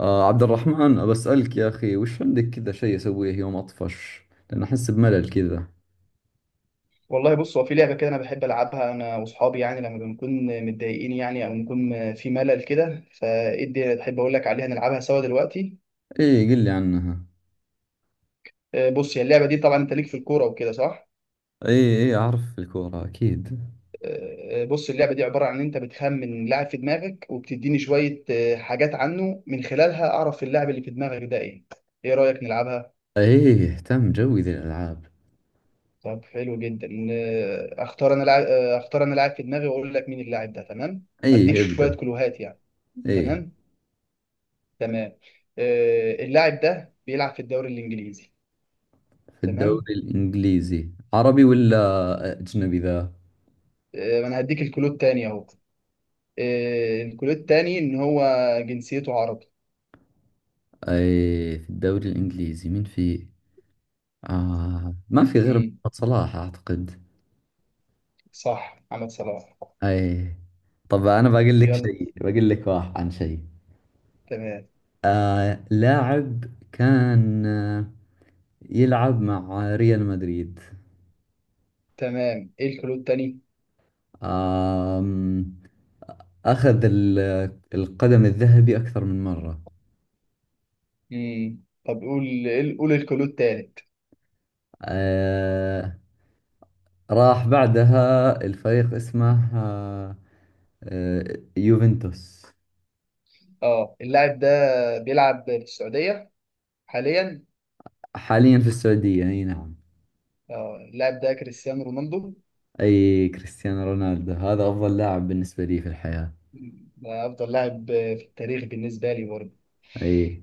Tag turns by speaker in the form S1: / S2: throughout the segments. S1: عبد الرحمن، بسألك يا أخي، وش عندك كذا شيء أسويه يوم أطفش؟ لأن أحس بملل كذا.
S2: والله بص هو في لعبة كده، أنا بحب ألعبها أنا وأصحابي، يعني لما بنكون متضايقين يعني أو بنكون في ملل كده، فإدي بحب أقول لك عليها نلعبها سوا دلوقتي.
S1: إيه، قل لي عنها.
S2: بص هي اللعبة دي طبعا، أنت ليك في الكورة وكده صح؟
S1: إيه، إيه، أعرف الكورة أكيد.
S2: بص اللعبة دي عبارة عن إن أنت بتخمن لاعب في دماغك وبتديني شوية حاجات عنه من خلالها أعرف اللاعب اللي في دماغك ده إيه؟ إيه رأيك نلعبها؟
S1: إيه، تم، جوي ذي الألعاب.
S2: طب حلو جدا. أختار أنا لاعب، في دماغي وأقول لك مين اللاعب ده، تمام؟ أديك
S1: إيه،
S2: شوية
S1: ابدأ.
S2: كلوهات يعني.
S1: إيه،
S2: تمام؟ تمام. اللاعب ده بيلعب في الدوري الانجليزي.
S1: في
S2: تمام.
S1: الدوري الإنجليزي، عربي ولا أجنبي ذا؟
S2: انا هديك الكلود تاني اهو. الكلود التاني ان هو جنسيته عربي.
S1: إيه، في الدوري الإنجليزي مين في؟ ما في غير
S2: امم.
S1: محمد صلاح أعتقد.
S2: صح محمد صلاح.
S1: إيه. طب، أنا بقول لك
S2: يلا.
S1: شيء، بقول لك واحد عن شيء.
S2: تمام.
S1: لاعب كان يلعب مع ريال مدريد.
S2: تمام ايه الكلود التاني.
S1: آم، أخذ القدم الذهبي أكثر من مرة.
S2: طب قول قول قول الكلود التالت.
S1: آه راح بعدها الفريق اسمه يوفنتوس.
S2: اه اللاعب ده بيلعب في السعودية حاليا.
S1: حاليا في السعودية، أي نعم.
S2: اه اللاعب ده كريستيانو رونالدو.
S1: أي، كريستيانو رونالدو هذا أفضل لاعب بالنسبة لي في الحياة.
S2: ده افضل لاعب في التاريخ بالنسبة لي برضه.
S1: أي.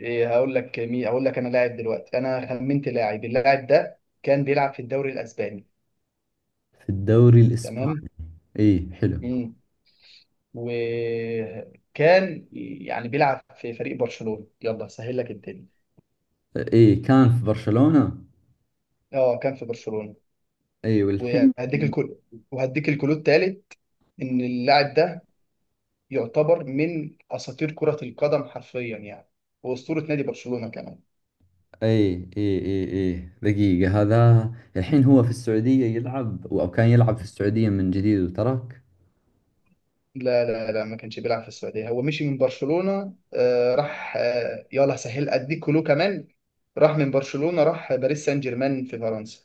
S2: إيه هقول لك مين، هقول لك انا لاعب دلوقتي، انا خمنت لاعب. اللاعب ده كان بيلعب في الدوري الاسباني.
S1: في الدوري
S2: تمام.
S1: الإسباني. أي، حلو.
S2: مم. وكان يعني بيلعب في فريق برشلونة، يلا سهل لك الدنيا.
S1: أي، كان في برشلونة.
S2: اه كان في برشلونة.
S1: أي، والحين؟
S2: وهديك الكل وهديك الكلود التالت. ان اللاعب ده يعتبر من اساطير كرة القدم حرفيا يعني، واسطورة نادي برشلونة كمان.
S1: اي، اي، اي، اي، دقيقة هذا. الحين هو في السعودية يلعب، او كان يلعب في السعودية من جديد وترك.
S2: لا لا لا، ما كانش بيلعب في السعودية، هو مشي من برشلونة. راح. يلا سهل أديك كلو كمان. راح من برشلونة، راح باريس سان جيرمان في فرنسا.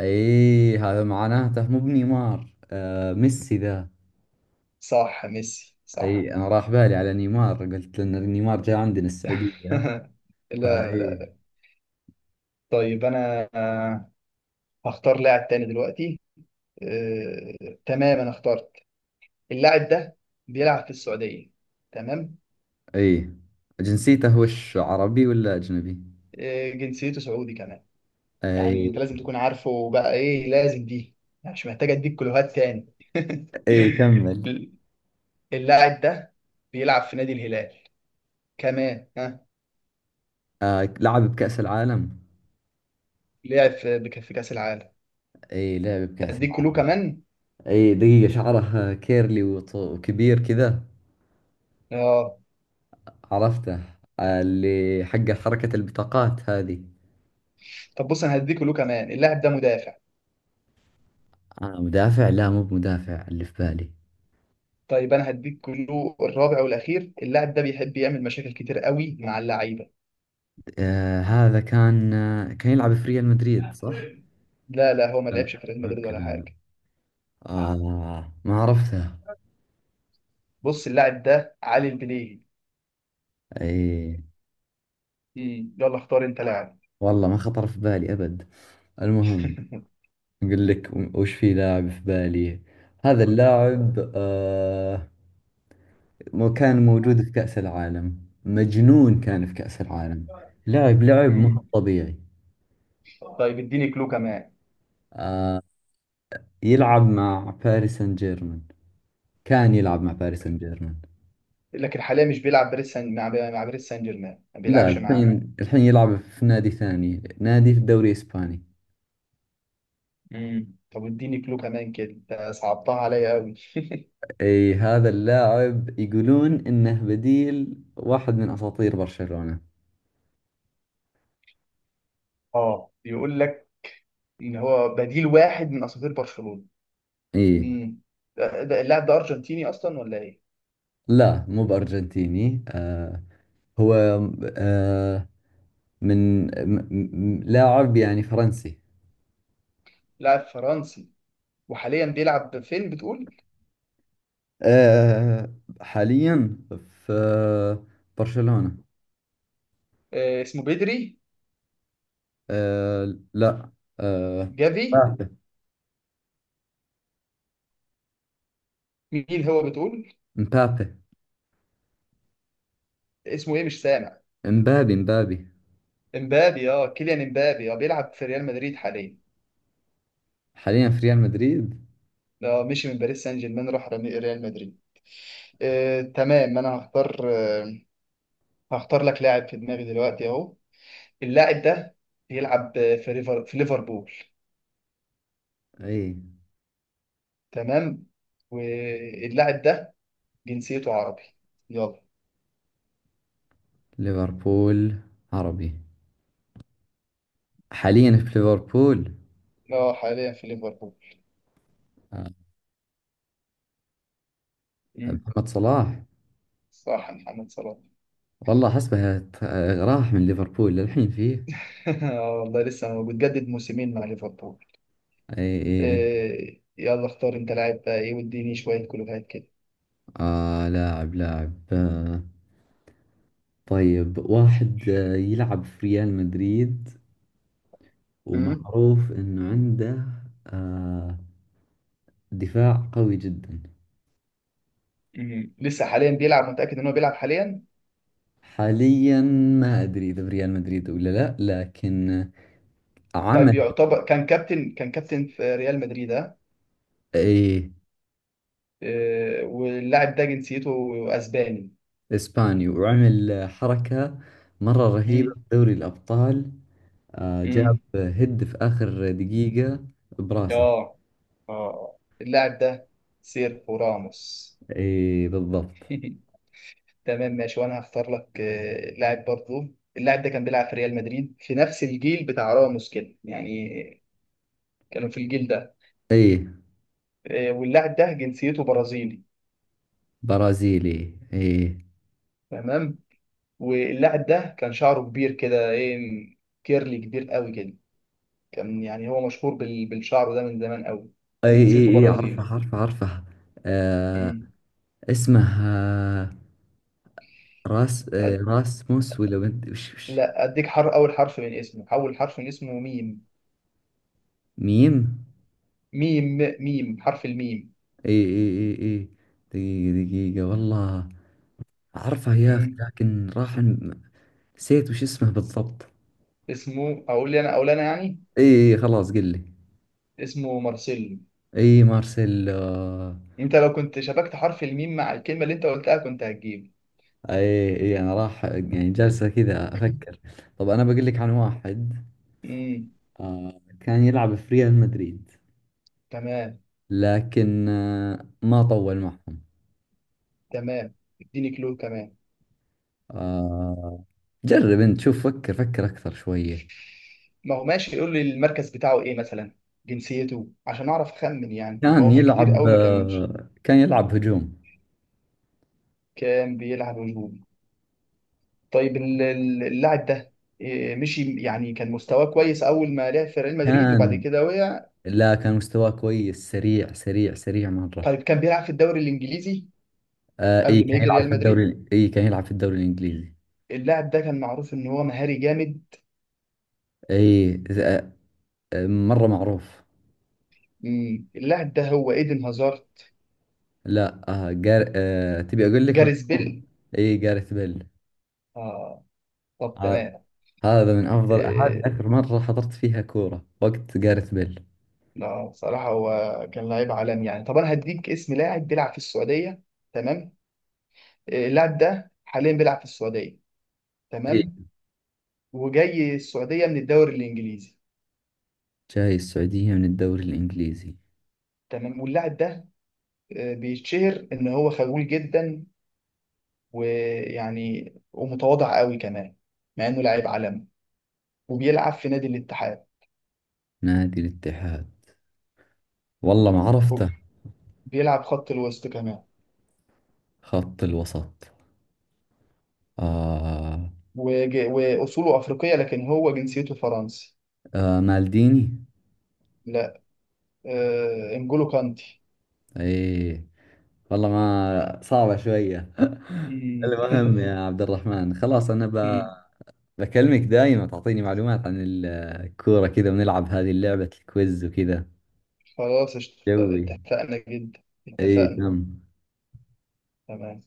S1: اي، هذا معناته مو بنيمار، ميسي ذا.
S2: صح ميسي صح.
S1: اي، انا راح بالي على نيمار، قلت لان نيمار جاء عندنا السعودية.
S2: لا.
S1: فاي.
S2: طيب أنا هختار لاعب تاني دلوقتي. آه تمام أنا اخترت. اللاعب ده بيلعب في السعودية. تمام.
S1: اي، جنسيته وش، عربي ولا اجنبي؟
S2: جنسيته سعودي كمان. يعني
S1: اي،
S2: أنت لازم تكون عارفه بقى إيه لازم دي، يعني مش محتاج أديك كلوهات تاني.
S1: اي، كمل.
S2: اللاعب ده بيلعب في نادي الهلال كمان ها.
S1: آه، لعب بكأس العالم.
S2: لعب في كأس العالم.
S1: اي، لعب بكأس
S2: اديك كلو
S1: العالم.
S2: كمان.
S1: اي، دقيقة، شعره كيرلي وكبير كذا.
S2: اه
S1: عرفته. اللي حق حركة البطاقات هذه.
S2: طب بص، انا هديك كلو كمان، اللاعب ده مدافع.
S1: آه، مدافع؟ لا، مو بمدافع اللي في بالي.
S2: طيب انا هديك كلو الرابع والاخير، اللاعب ده بيحب يعمل مشاكل كتير قوي مع اللعيبه.
S1: آه، هذا كان يلعب في ريال مدريد، صح؟
S2: لا لا، هو ما
S1: لا،
S2: لعبش
S1: لا.
S2: في ريال مدريد
S1: اوكي،
S2: ولا
S1: لا، لا.
S2: حاجه.
S1: آه، ما عرفته.
S2: بص اللاعب ده علي البليهي.
S1: اي،
S2: مم. يلا اختار انت لاعب.
S1: والله ما خطر في بالي ابد. المهم، اقول لك وش في لاعب في بالي. هذا اللاعب كان موجود في كأس العالم. مجنون، كان في كأس العالم، لاعب لعب ما هو
S2: مم.
S1: طبيعي.
S2: طيب اديني كلو كمان.
S1: يلعب مع باريس سان جيرمان. كان يلعب مع باريس سان جيرمان.
S2: لكن حاليا مش بيلعب باريس سان، مع باريس سان جيرمان، ما
S1: لا،
S2: بيلعبش مع.
S1: الحين يلعب في نادي ثاني، نادي في الدوري الإسباني.
S2: مم. طب اديني كلو كمان، كده انت صعبتها عليا قوي.
S1: اي، هذا اللاعب يقولون انه بديل واحد من اساطير برشلونة.
S2: اه بيقول لك ان هو بديل واحد من اساطير برشلونة.
S1: اي.
S2: امم اللاعب ده ارجنتيني اصلا ولا ايه؟
S1: لا، مو بأرجنتيني. هو آه من م- لاعب يعني فرنسي.
S2: لاعب فرنسي. وحاليا بيلعب فين بتقول؟
S1: آه حاليا في برشلونة.
S2: اسمه بدري.
S1: آه، لا. آه،
S2: جافي.
S1: مبابي.
S2: مين هو بتقول؟
S1: مبابي.
S2: اسمه ايه مش سامع.
S1: امبابي، امبابي.
S2: امبابي. اه كيليان امبابي، اه بيلعب في ريال مدريد حاليا.
S1: حاليا في ريال مدريد.
S2: اه مشي من باريس سان جيرمان راح ريال مدريد. تمام، انا هختار. هختار لك لاعب في دماغي دلوقتي اهو. اللاعب ده بيلعب في ليفربول.
S1: اي،
S2: تمام. واللاعب ده جنسيته عربي. يلا.
S1: ليفربول، عربي. حاليا في ليفربول.
S2: اه حاليا في ليفربول.
S1: آه،
S2: مم.
S1: محمد صلاح.
S2: صح محمد صلاح.
S1: والله حسبه راح من ليفربول للحين فيه؟
S2: اه والله لسه موجود. جدد موسمين مع ليفربول.
S1: اي، اي، اي.
S2: إيه يلا اختار انت لاعب بقى ايه، واديني شويه كلوهات كده.
S1: لاعب، طيب، واحد يلعب في ريال مدريد،
S2: مم.
S1: ومعروف انه عنده آه دفاع قوي جدا.
S2: مم. لسه حاليا بيلعب، متاكد ان هو بيلعب حاليا؟
S1: حاليا، ما ادري اذا في ريال مدريد ولا لا، لكن
S2: طيب
S1: عمل.
S2: يعتبر، كان كابتن في ريال مدريد ها.
S1: ايه.
S2: إيه واللاعب ده جنسيته اسباني.
S1: إسباني، وعمل حركة مرة رهيبة
S2: مم.
S1: في دوري الأبطال. جاب
S2: امم.
S1: هد في آخر دقيقة براسه.
S2: اه، اه اللاعب ده سيرخو راموس.
S1: إيه، بالضبط.
S2: تمام ماشي، وانا هختار لك لاعب برضو. اللاعب ده كان بيلعب في ريال مدريد في نفس الجيل بتاع راموس كده يعني، كانوا في الجيل ده.
S1: إيه،
S2: واللاعب ده جنسيته برازيلي.
S1: برازيلي. إيه،
S2: تمام. واللاعب ده كان شعره كبير كده ايه، كيرلي كبير قوي كده، كان يعني هو مشهور بالشعر ده من زمان قوي.
S1: إيه، إيه،
S2: وجنسيته
S1: إيه، عرفه،
S2: برازيلي.
S1: عرفه، عرفه. آه
S2: مم.
S1: اسمه آه
S2: أد-
S1: راسموس ولا بنت، وش؟
S2: لا، اديك حر اول حرف من اسمه، اول حرف من اسمه ميم.
S1: ميم
S2: ميم حرف الميم.
S1: إيه، إيه، إيه، إيه، دقيقة، دقيقة، والله عرفه يا أخي،
S2: مم.
S1: لكن راح نسيت وش اسمه بالضبط.
S2: اسمه، اقول لي انا، اقول انا يعني.
S1: إيه، إيه، خلاص قل لي.
S2: اسمه مارسيلو.
S1: اي، مارسيلو.
S2: انت لو كنت شبكت حرف الميم مع الكلمه اللي انت قلتها كنت هتجيب.
S1: اي، اي، انا راح يعني جالسة كذا افكر. طب، انا بقول لك عن واحد.
S2: امم.
S1: كان يلعب في ريال مدريد.
S2: تمام.
S1: لكن ما طول معهم.
S2: تمام اديني كلو كمان.
S1: آه جرب انت شوف، فكر فكر اكثر شوية.
S2: ما هو ماشي، يقول لي المركز بتاعه ايه مثلا، جنسيته عشان اعرف اخمن يعني، ما
S1: كان
S2: هو في كتير
S1: يلعب
S2: قوي ما كملش.
S1: آه كان يلعب هجوم.
S2: كان بيلعب هجوم. طيب اللاعب ده إيه، مشي يعني كان مستواه كويس اول ما لعب في ريال مدريد وبعد
S1: كان،
S2: كده وقع.
S1: لا، كان مستواه كويس، سريع سريع سريع مرة.
S2: طيب كان بيلعب في الدوري الانجليزي
S1: اي،
S2: قبل ما
S1: كان
S2: يجي
S1: يلعب
S2: ريال
S1: في
S2: مدريد.
S1: الدوري، اي، كان يلعب في الدوري الانجليزي.
S2: اللاعب ده كان معروف ان هو مهاري جامد.
S1: اي، مرة معروف.
S2: مم. اللاعب ده هو ايدن هازارد.
S1: لا، آه جار... آه تبي أقول لك.
S2: جاريث بيل.
S1: إي، جارث بيل.
S2: اه طب
S1: آه
S2: تمام.
S1: هذا من أفضل، هذه
S2: إيه.
S1: آخر مرة حضرت فيها كورة وقت جارث بيل.
S2: لا، بصراحة هو كان لعيب عالمي يعني. طب انا هديك اسم لاعب بيلعب في السعودية. تمام. إيه، اللاعب ده حاليا بيلعب في السعودية.
S1: إي.
S2: تمام. وجاي السعودية من الدوري الانجليزي.
S1: جاي السعودية من الدوري الإنجليزي.
S2: تمام. واللاعب ده بيتشهر ان هو خجول جدا، ويعني ومتواضع قوي كمان مع انه لاعب عالمي، وبيلعب في نادي الاتحاد.
S1: نادي الاتحاد، والله ما عرفته.
S2: بيلعب خط الوسط كمان.
S1: خط الوسط. آه.
S2: وأصوله أفريقية لكن هو جنسيته فرنسي.
S1: آه، مالديني.
S2: لا، إنجولو كانتي.
S1: إي، والله ما صعبة شوية.
S2: مم.
S1: المهم يا عبد الرحمن، خلاص أنا
S2: مم.
S1: بكلمك دايما، تعطيني معلومات عن الكورة كذا، ونلعب هذه اللعبة الكويز وكذا.
S2: خلاص
S1: جوي.
S2: اتفقنا جدا.
S1: اي،
S2: اتفقنا.
S1: تم.
S2: تمام.